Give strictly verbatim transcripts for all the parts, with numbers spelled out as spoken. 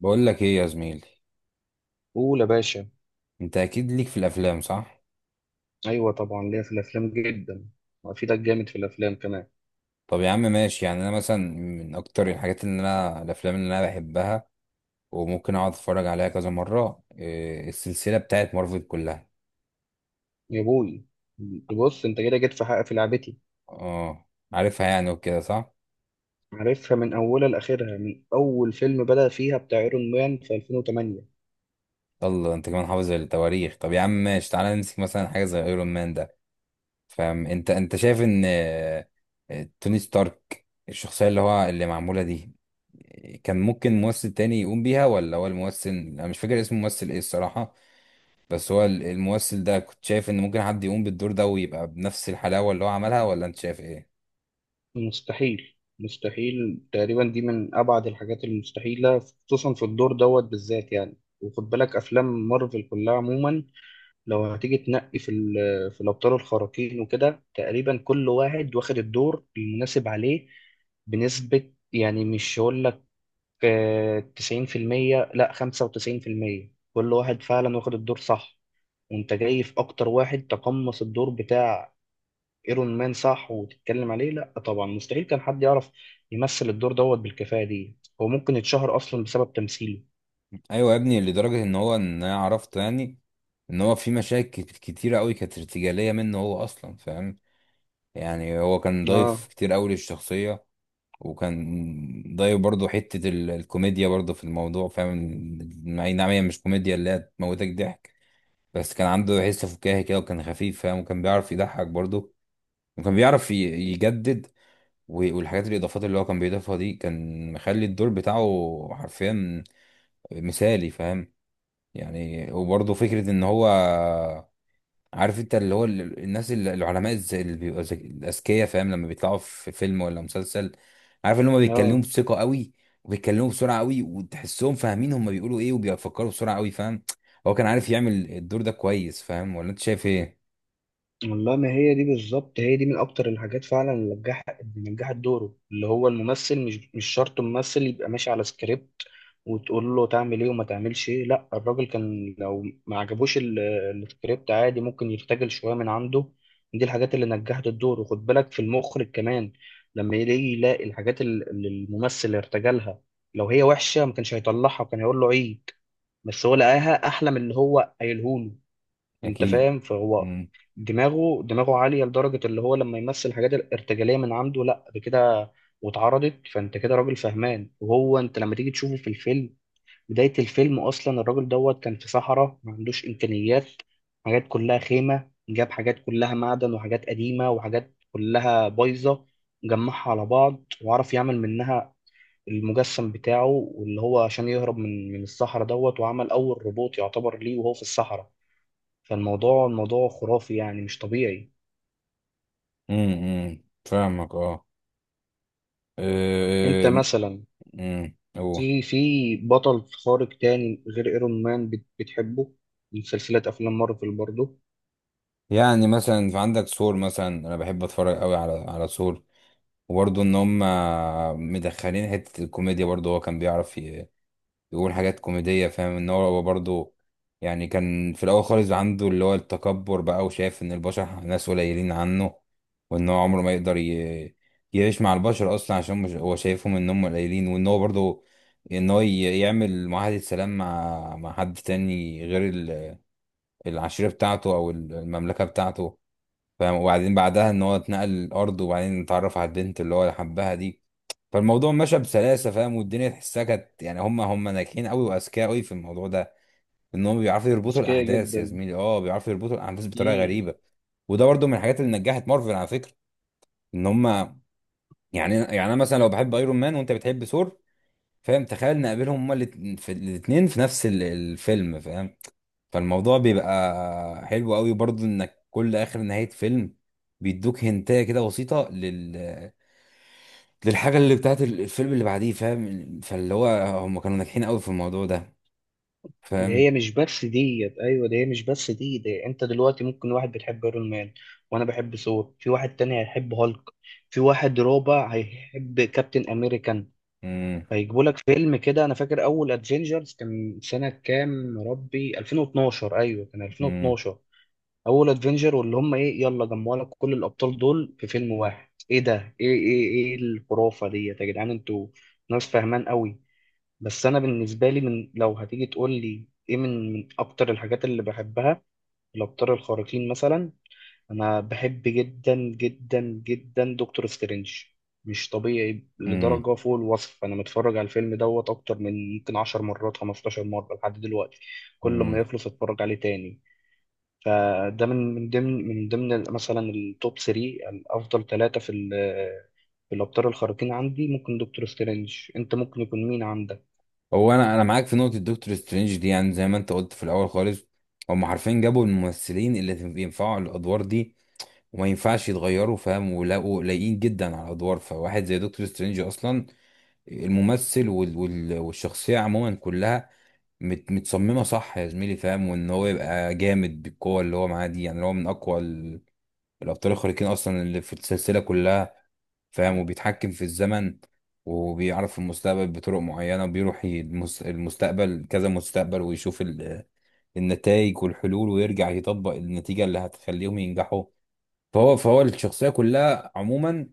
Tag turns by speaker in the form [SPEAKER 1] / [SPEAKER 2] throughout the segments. [SPEAKER 1] بقول لك ايه يا زميلي؟
[SPEAKER 2] قول يا باشا.
[SPEAKER 1] انت اكيد ليك في الافلام، صح؟
[SPEAKER 2] ايوه طبعا ليا في الافلام جدا، وافيدك جامد في الافلام كمان.
[SPEAKER 1] طب يا عم ماشي، يعني انا مثلا من اكتر الحاجات اللي انا الافلام اللي انا بحبها وممكن اقعد اتفرج عليها كذا مره إيه السلسله بتاعت مارفل كلها.
[SPEAKER 2] يا بوي، بص انت كده جيت في حق في لعبتي.
[SPEAKER 1] اه، عارفها يعني وكده صح.
[SPEAKER 2] عارفها من اولها لاخرها، من اول فيلم بدأ فيها بتاع ايرون مان في ألفين وثمانية.
[SPEAKER 1] يلا، انت كمان حافظ التواريخ. طب يا عم ماشي، تعالى نمسك مثلا حاجه زي ايرون مان ده. فاهم؟ انت انت شايف ان آه، آه، توني ستارك الشخصيه اللي هو اللي معموله دي كان ممكن ممثل تاني يقوم بيها ولا هو الممثل؟ انا مش فاكر اسم الممثل ايه الصراحه. بس هو ال- الممثل ده كنت شايف ان ممكن حد يقوم بالدور ده ويبقى بنفس الحلاوة اللي هو عملها، ولا انت شايف ايه؟
[SPEAKER 2] مستحيل مستحيل تقريبا، دي من ابعد الحاجات المستحيله، خصوصا في الدور دوت بالذات يعني. وخد بالك افلام مارفل كلها عموما، لو هتيجي تنقي في ال- في الابطال الخارقين وكده، تقريبا كل واحد واخد الدور المناسب عليه بنسبة، يعني مش هقول لك، آه، تسعين في المية، لا خمسة وتسعين في المية. كل واحد فعلا واخد الدور صح. وانت جاي في اكتر واحد تقمص الدور بتاع ايرون مان صح وتتكلم عليه. لا طبعا مستحيل كان حد يعرف يمثل الدور دوت بالكفاءة دي. هو ممكن يتشهر اصلا بسبب تمثيله.
[SPEAKER 1] ايوه يا ابني، لدرجة ان هو ان انا عرفت يعني ان هو في مشاكل كت- كتيرة قوي كانت ارتجالية منه هو اصلا، فاهم؟ يعني هو كان
[SPEAKER 2] اه
[SPEAKER 1] ضايف كتير قوي للشخصية. وكان ضايف برضه حتة ال- الكوميديا برضه في الموضوع، فاهم؟ اي نعم، هي مش كوميديا اللي هي تموتك ضحك، بس كان عنده حس فكاهي كده وكان خفيف، فاهم؟ وكان بيعرف يضحك برضه. وكان بيعرف ي- يجدد. و- والحاجات الاضافات اللي هو كان بيضيفها دي كان مخلي الدور بتاعه حرفيا مثالي، فاهم؟ يعني، وبرضه فكره ان هو، عارف انت، اللي هو ال- الناس اللي العلماء الز- اللي بيبقوا ذك- الاذكياء، فاهم؟ لما بيطلعوا في فيلم ولا مسلسل، عارف ان هم بيتكلموا
[SPEAKER 2] اه،
[SPEAKER 1] بثقه قوي وبيتكلموا بسرعه قوي وتحسهم فاهمين هم بيقولوا ايه وبيفكروا بسرعه قوي، فاهم؟ هو كان عارف يعمل الدور ده كويس، فاهم؟ ولا انت شايف ايه؟
[SPEAKER 2] والله ما هي دي بالظبط، هي دي من اكتر الحاجات فعلا اللي نجحت، اللي نجحت دوره. اللي هو الممثل مش مش شرط ممثل يبقى ماشي على سكريبت وتقول له تعمل ايه وما تعملش ايه. لا الراجل كان لو ما عجبوش ال- السكريبت عادي ممكن يرتجل شويه من عنده. دي الحاجات اللي نجحت الدور. وخد بالك في المخرج كمان، لما يلاقي يلاقي الحاجات ال- اللي الممثل ارتجلها، لو هي وحشه ما كانش هيطلعها وكان هيقول له عيد، بس هو لقاها احلى من اللي هو قايله له. انت
[SPEAKER 1] اكيد.
[SPEAKER 2] فاهم؟ فهو
[SPEAKER 1] امم
[SPEAKER 2] دماغه دماغه عالية لدرجة اللي هو لما يمثل حاجات الارتجالية من عنده، لا ده كده واتعرضت. فانت كده راجل فهمان، وهو انت لما تيجي تشوفه في الفيلم، بداية الفيلم اصلا الراجل دوت كان في صحراء ما عندوش امكانيات، حاجات كلها خيمة، جاب حاجات كلها معدن وحاجات قديمة وحاجات كلها بايظة، جمعها على بعض وعرف يعمل منها المجسم بتاعه، واللي هو عشان يهرب من من الصحراء دوت، وعمل أول روبوت يعتبر ليه وهو في الصحراء. فالموضوع الموضوع خرافي يعني مش طبيعي.
[SPEAKER 1] امم فاهمك، اه.
[SPEAKER 2] انت
[SPEAKER 1] آه،
[SPEAKER 2] مثلا
[SPEAKER 1] امم اوه
[SPEAKER 2] في في بطل خارق تاني غير ايرون مان بت- بتحبه من سلسلة افلام مارفل برضه؟
[SPEAKER 1] يعني، مثلا في عندك سور. مثلا انا بحب اتفرج قوي على على سور، وبرضه ان هم مدخلين حته الكوميديا برضه. هو كان بيعرف ي- يقول حاجات كوميديه، فاهم؟ ان هو برضه، يعني كان في الاول خالص عنده اللي هو التكبر بقى، وشايف ان البشر ناس قليلين عنه، وان هو عمره ما يقدر ي... يعيش مع البشر اصلا، عشان مش- هو شايفهم ان هم قليلين. وان هو برضه ان هو ي- يعمل معاهده سلام مع مع حد تاني غير العشيرة بتاعته أو المملكة بتاعته، فاهم؟ وبعدين بعدها إن هو اتنقل الأرض، وبعدين اتعرف على البنت اللي هو حبها دي. فالموضوع مشى بسلاسة، فاهم؟ والدنيا تحسها كانت يعني هم هم ناجحين قوي وأذكياء قوي في الموضوع ده. إن هم بيعرفوا يربطوا
[SPEAKER 2] اذكياء
[SPEAKER 1] الأحداث يا
[SPEAKER 2] جدا.
[SPEAKER 1] زميلي، أه بيعرفوا يربطوا الأحداث بطريقة
[SPEAKER 2] امم.
[SPEAKER 1] غريبة. وده برضو من الحاجات اللي نجحت مارفل على فكرة. إن هم، يعني يعني أنا مثلا لو بحب أيرون مان وأنت بتحب ثور، فاهم؟ تخيل نقابلهم هما الات- في- الاتنين في نفس ال- الفيلم، فاهم؟ فالموضوع بيبقى حلو قوي برضو. انك كل اخر نهاية فيلم بيدوك هنتايه كده بسيطة لل للحاجة اللي بتاعت الفيلم اللي بعديه، فاهم؟ فاللي هو هم كانوا ناجحين قوي في الموضوع ده،
[SPEAKER 2] ده هي
[SPEAKER 1] فاهم؟
[SPEAKER 2] مش بس ديت، ايوه ده هي مش بس دي. ده انت دلوقتي ممكن واحد بتحب ايرون مان، وانا بحب ثور، في واحد تاني هيحب هالك، في واحد رابع هيحب كابتن امريكان،
[SPEAKER 1] مم،
[SPEAKER 2] هيجيبوا لك فيلم كده. انا فاكر اول ادفنجرز كان سنة كام يا ربي؟ ألفين واثناشر، ايوه كان
[SPEAKER 1] مم،
[SPEAKER 2] ألفين واثني عشر. اول ادفنجر، واللي هم ايه، يلا جمعوا لك كل الابطال دول في فيلم واحد. ايه ده؟ ايه ايه ايه الخرافه ديت؟ يا جدعان انتوا ناس فاهمان قوي. بس انا بالنسبه لي، من لو هتيجي تقول لي ايه من من اكتر الحاجات اللي بحبها الابطال الخارقين مثلا، انا بحب جدا جدا جدا دكتور سترينج. مش طبيعي
[SPEAKER 1] مم،
[SPEAKER 2] لدرجه فوق الوصف. انا متفرج على الفيلم دوت اكتر من يمكن عشر مرات خمسة عشر مره لحد دلوقتي. كل ما
[SPEAKER 1] مم.
[SPEAKER 2] يخلص اتفرج عليه تاني. فده من من ضمن من ضمن ال- مثلا التوب ثلاثة الافضل، ثلاثه في ال- في الابطال الخارقين عندي. ممكن دكتور سترينج، انت ممكن يكون مين عندك؟
[SPEAKER 1] هو انا انا معاك في نقطة دكتور سترينج دي. يعني زي ما انت قلت في الاول خالص، هم حرفيا جابوا الممثلين اللي ينفعوا الادوار دي وما ينفعش يتغيروا، فاهم؟ ولاقوا لايقين جدا على الادوار. فواحد زي دكتور سترينج اصلا الممثل وال... وال... والشخصية عموما كلها مت... متصممة صح يا زميلي، فاهم؟ وان هو يبقى جامد بالقوة اللي هو معاه دي. يعني هو من اقوى ال... الابطال الخارقين اصلا اللي في السلسلة كلها، فاهم؟ وبيتحكم في الزمن وبيعرف المستقبل بطرق معينة. بيروح ي- المس... المستقبل كذا مستقبل ويشوف ال... النتائج والحلول، ويرجع يطبق النتيجة اللي هتخليهم ينجحوا. فهو فهو الشخصية كلها عموما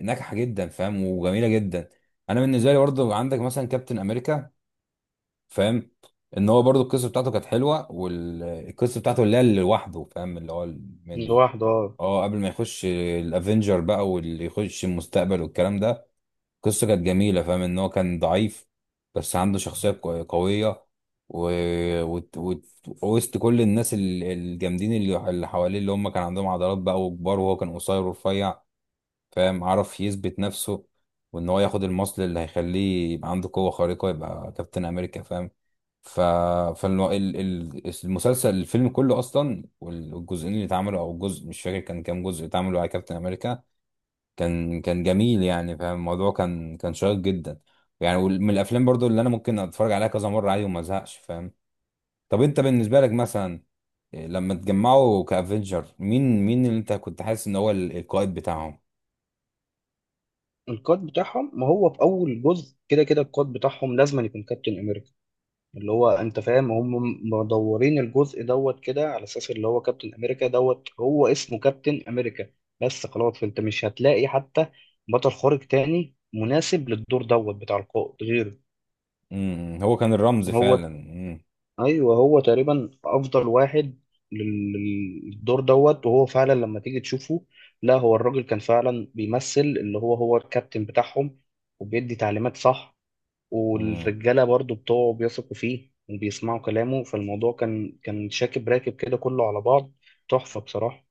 [SPEAKER 1] ناجحه جدا، فاهم؟ وجميله جدا. انا بالنسبه لي برضه عندك مثلا كابتن امريكا، فاهم؟ ان هو برضه القصه بتاعته كانت حلوه، والقصه بتاعته اللي هي اللي لوحده، فاهم؟ اللي هو مني،
[SPEAKER 2] لوحده اه.
[SPEAKER 1] اه، قبل ما يخش الافنجر بقى واللي يخش المستقبل والكلام ده. قصه كانت جميله، فاهم؟ ان هو كان ضعيف بس عنده شخصيه قو- قويه و... وت- وت- وسط كل الناس ال- الجامدين اللي اللي حواليه، اللي هم كان عندهم عضلات بقى وكبار، وهو كان قصير ورفيع، فاهم؟ عرف يثبت نفسه، وان هو ياخد المصل اللي هيخليه يبقى عنده قوة خارقة يبقى كابتن امريكا، فاهم؟ ف فالمسلسل الفيلم كله اصلا، والجزئين اللي اتعملوا او الجزء مش فاكر كان كام جزء اتعملوا على كابتن امريكا، كان كان جميل يعني، فاهم؟ الموضوع كان كان شيق جدا يعني. وال- من الافلام برضو اللي انا ممكن اتفرج عليها كذا مرة عادي وما ازهقش، فاهم؟ طب انت بالنسبة لك مثلا، إيه، لما تجمعوا كافنجر، مين مين اللي انت كنت حاسس ان هو ال- القائد بتاعهم؟
[SPEAKER 2] القائد بتاعهم؟ ما هو في اول جزء كده كده القائد بتاعهم لازم يكون كابتن امريكا. اللي هو انت فاهم، هم مدورين الجزء دوت كده على اساس اللي هو كابتن امريكا دوت هو اسمه كابتن امريكا. بس خلاص انت مش هتلاقي حتى بطل خارق تاني مناسب للدور دوت بتاع القائد غيره.
[SPEAKER 1] امم، هو كان الرمز فعلا.
[SPEAKER 2] هو،
[SPEAKER 1] امم.
[SPEAKER 2] ايوه هو تقريبا افضل واحد لل- للدور دوت. وهو فعلا لما تيجي تشوفه، لا هو الراجل كان فعلا بيمثل اللي هو هو الكابتن بتاعهم وبيدي تعليمات صح.
[SPEAKER 1] امم.
[SPEAKER 2] والرجاله برضو بتوعه بيثقوا فيه وبيسمعوا كلامه. فالموضوع كان كان شاكب راكب كده كله على بعض. تحفه بصراحه.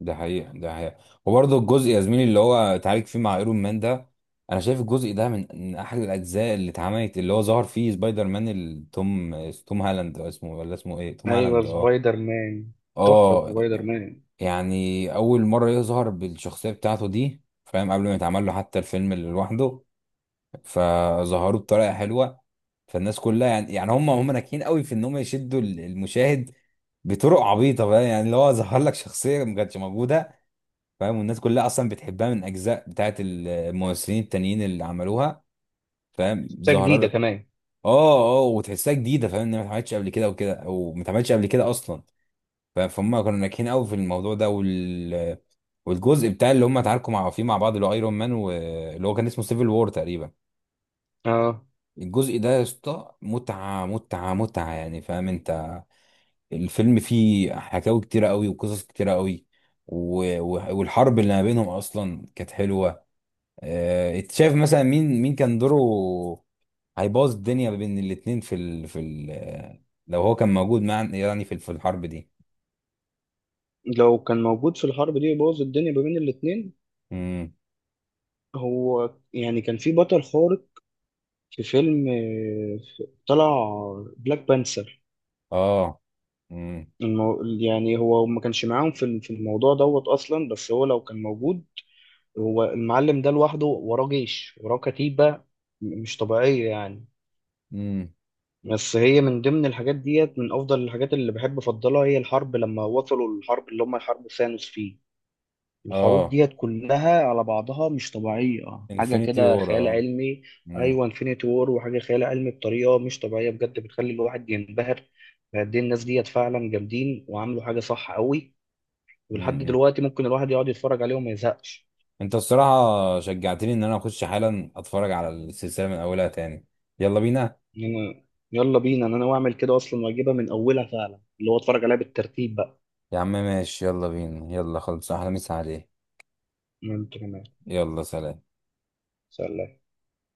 [SPEAKER 1] ده حقيقة، ده حقيقة. وبرضه الجزء يا زميلي اللي هو اتعالج فيه مع ايرون مان ده، انا شايف الجزء ده من من احد الاجزاء اللي اتعملت، اللي هو ظهر فيه سبايدر مان التوم، توم هالاند أو اسمه، ولا اسمه ايه؟ توم
[SPEAKER 2] ايوه
[SPEAKER 1] هالاند، اه.
[SPEAKER 2] سبايدر مان، تحفه
[SPEAKER 1] اه،
[SPEAKER 2] سبايدر مان.
[SPEAKER 1] يعني اول مرة يظهر بالشخصية بتاعته دي، فاهم؟ قبل ما يتعمل له حتى الفيلم اللي لوحده، فظهروه بطريقة حلوة. فالناس كلها يعني، يعني هم هم ناجحين قوي في ان هم يشدوا المشاهد بطرق عبيطه بقى. يعني اللي هو ظهر لك شخصيه ما كانتش موجوده، فاهم؟ والناس كلها اصلا بتحبها من اجزاء بتاعت الممثلين التانيين اللي عملوها، فاهم؟
[SPEAKER 2] شخصيه
[SPEAKER 1] ظهر
[SPEAKER 2] جديده
[SPEAKER 1] لك
[SPEAKER 2] كمان
[SPEAKER 1] اه. اه، وتحسها جديده، فاهم؟ ان هي ما اتعملتش قبل كده وكده، او ما اتعملتش قبل كده اصلا، فاهم؟ فهم كانوا ناجحين قوي في الموضوع ده. وال والجزء بتاع اللي هم اتعاركوا مع فيه مع بعض، اللي هو ايرون مان، واللي هو كان اسمه سيفل وور تقريبا.
[SPEAKER 2] اه.
[SPEAKER 1] الجزء ده يا اسطى متعه متعه متعه يعني، فاهم انت؟ الفيلم فيه حكاوي كتيرة قوي وقصص كتيرة قوي. و- و- والحرب اللي ما بينهم اصلا كانت حلوة. آه، انت شايف مثلا مين مين كان دوره هيبوظ الدنيا ما بين الاتنين في ال... في ال... آه، لو هو كان موجود مع يعني في في الحرب دي؟
[SPEAKER 2] لو كان موجود في الحرب دي يبوظ الدنيا ما بين الاتنين.
[SPEAKER 1] امم.
[SPEAKER 2] هو يعني كان في بطل خارق في فيلم، آه، في- طلع بلاك بانثر.
[SPEAKER 1] اه، امم.
[SPEAKER 2] المو... يعني هو ما كانش معاهم في ال- في الموضوع دوت اصلا، بس هو لو كان موجود، هو المعلم ده لوحده وراه جيش وراه كتيبة م- مش طبيعية يعني.
[SPEAKER 1] امم،
[SPEAKER 2] بس هي من ضمن الحاجات ديت، من افضل الحاجات اللي بحب افضلها هي الحرب لما وصلوا الحرب اللي هم حرب ثانوس فيه. الحروب
[SPEAKER 1] اه.
[SPEAKER 2] ديت كلها على بعضها مش طبيعية، حاجة
[SPEAKER 1] انفينيتي
[SPEAKER 2] كده
[SPEAKER 1] وور،
[SPEAKER 2] خيال
[SPEAKER 1] اه.
[SPEAKER 2] علمي.
[SPEAKER 1] امم.
[SPEAKER 2] أيوة انفينيتي وور، وحاجة خيال علمي بطريقة مش طبيعية بجد، بتخلي الواحد ينبهر قد إيه الناس ديت فعلا جامدين وعملوا حاجة صح قوي. ولحد
[SPEAKER 1] امم.
[SPEAKER 2] دلوقتي ممكن الواحد يقعد يتفرج عليه وما يزهقش
[SPEAKER 1] انت الصراحة شجعتني ان انا اخش حالا اتفرج على السلسلة من اولها تاني. يلا بينا.
[SPEAKER 2] يعني. يلا بينا، أنا ناوي أعمل كده أصلا وأجيبها من أولها فعلا، اللي هو أتفرج عليها بالترتيب بقى.
[SPEAKER 1] يا عم ماشي، يلا بينا، يلا خلص، احلى مسا عليه.
[SPEAKER 2] أنت كمان،
[SPEAKER 1] يلا، سلام.
[SPEAKER 2] سلام.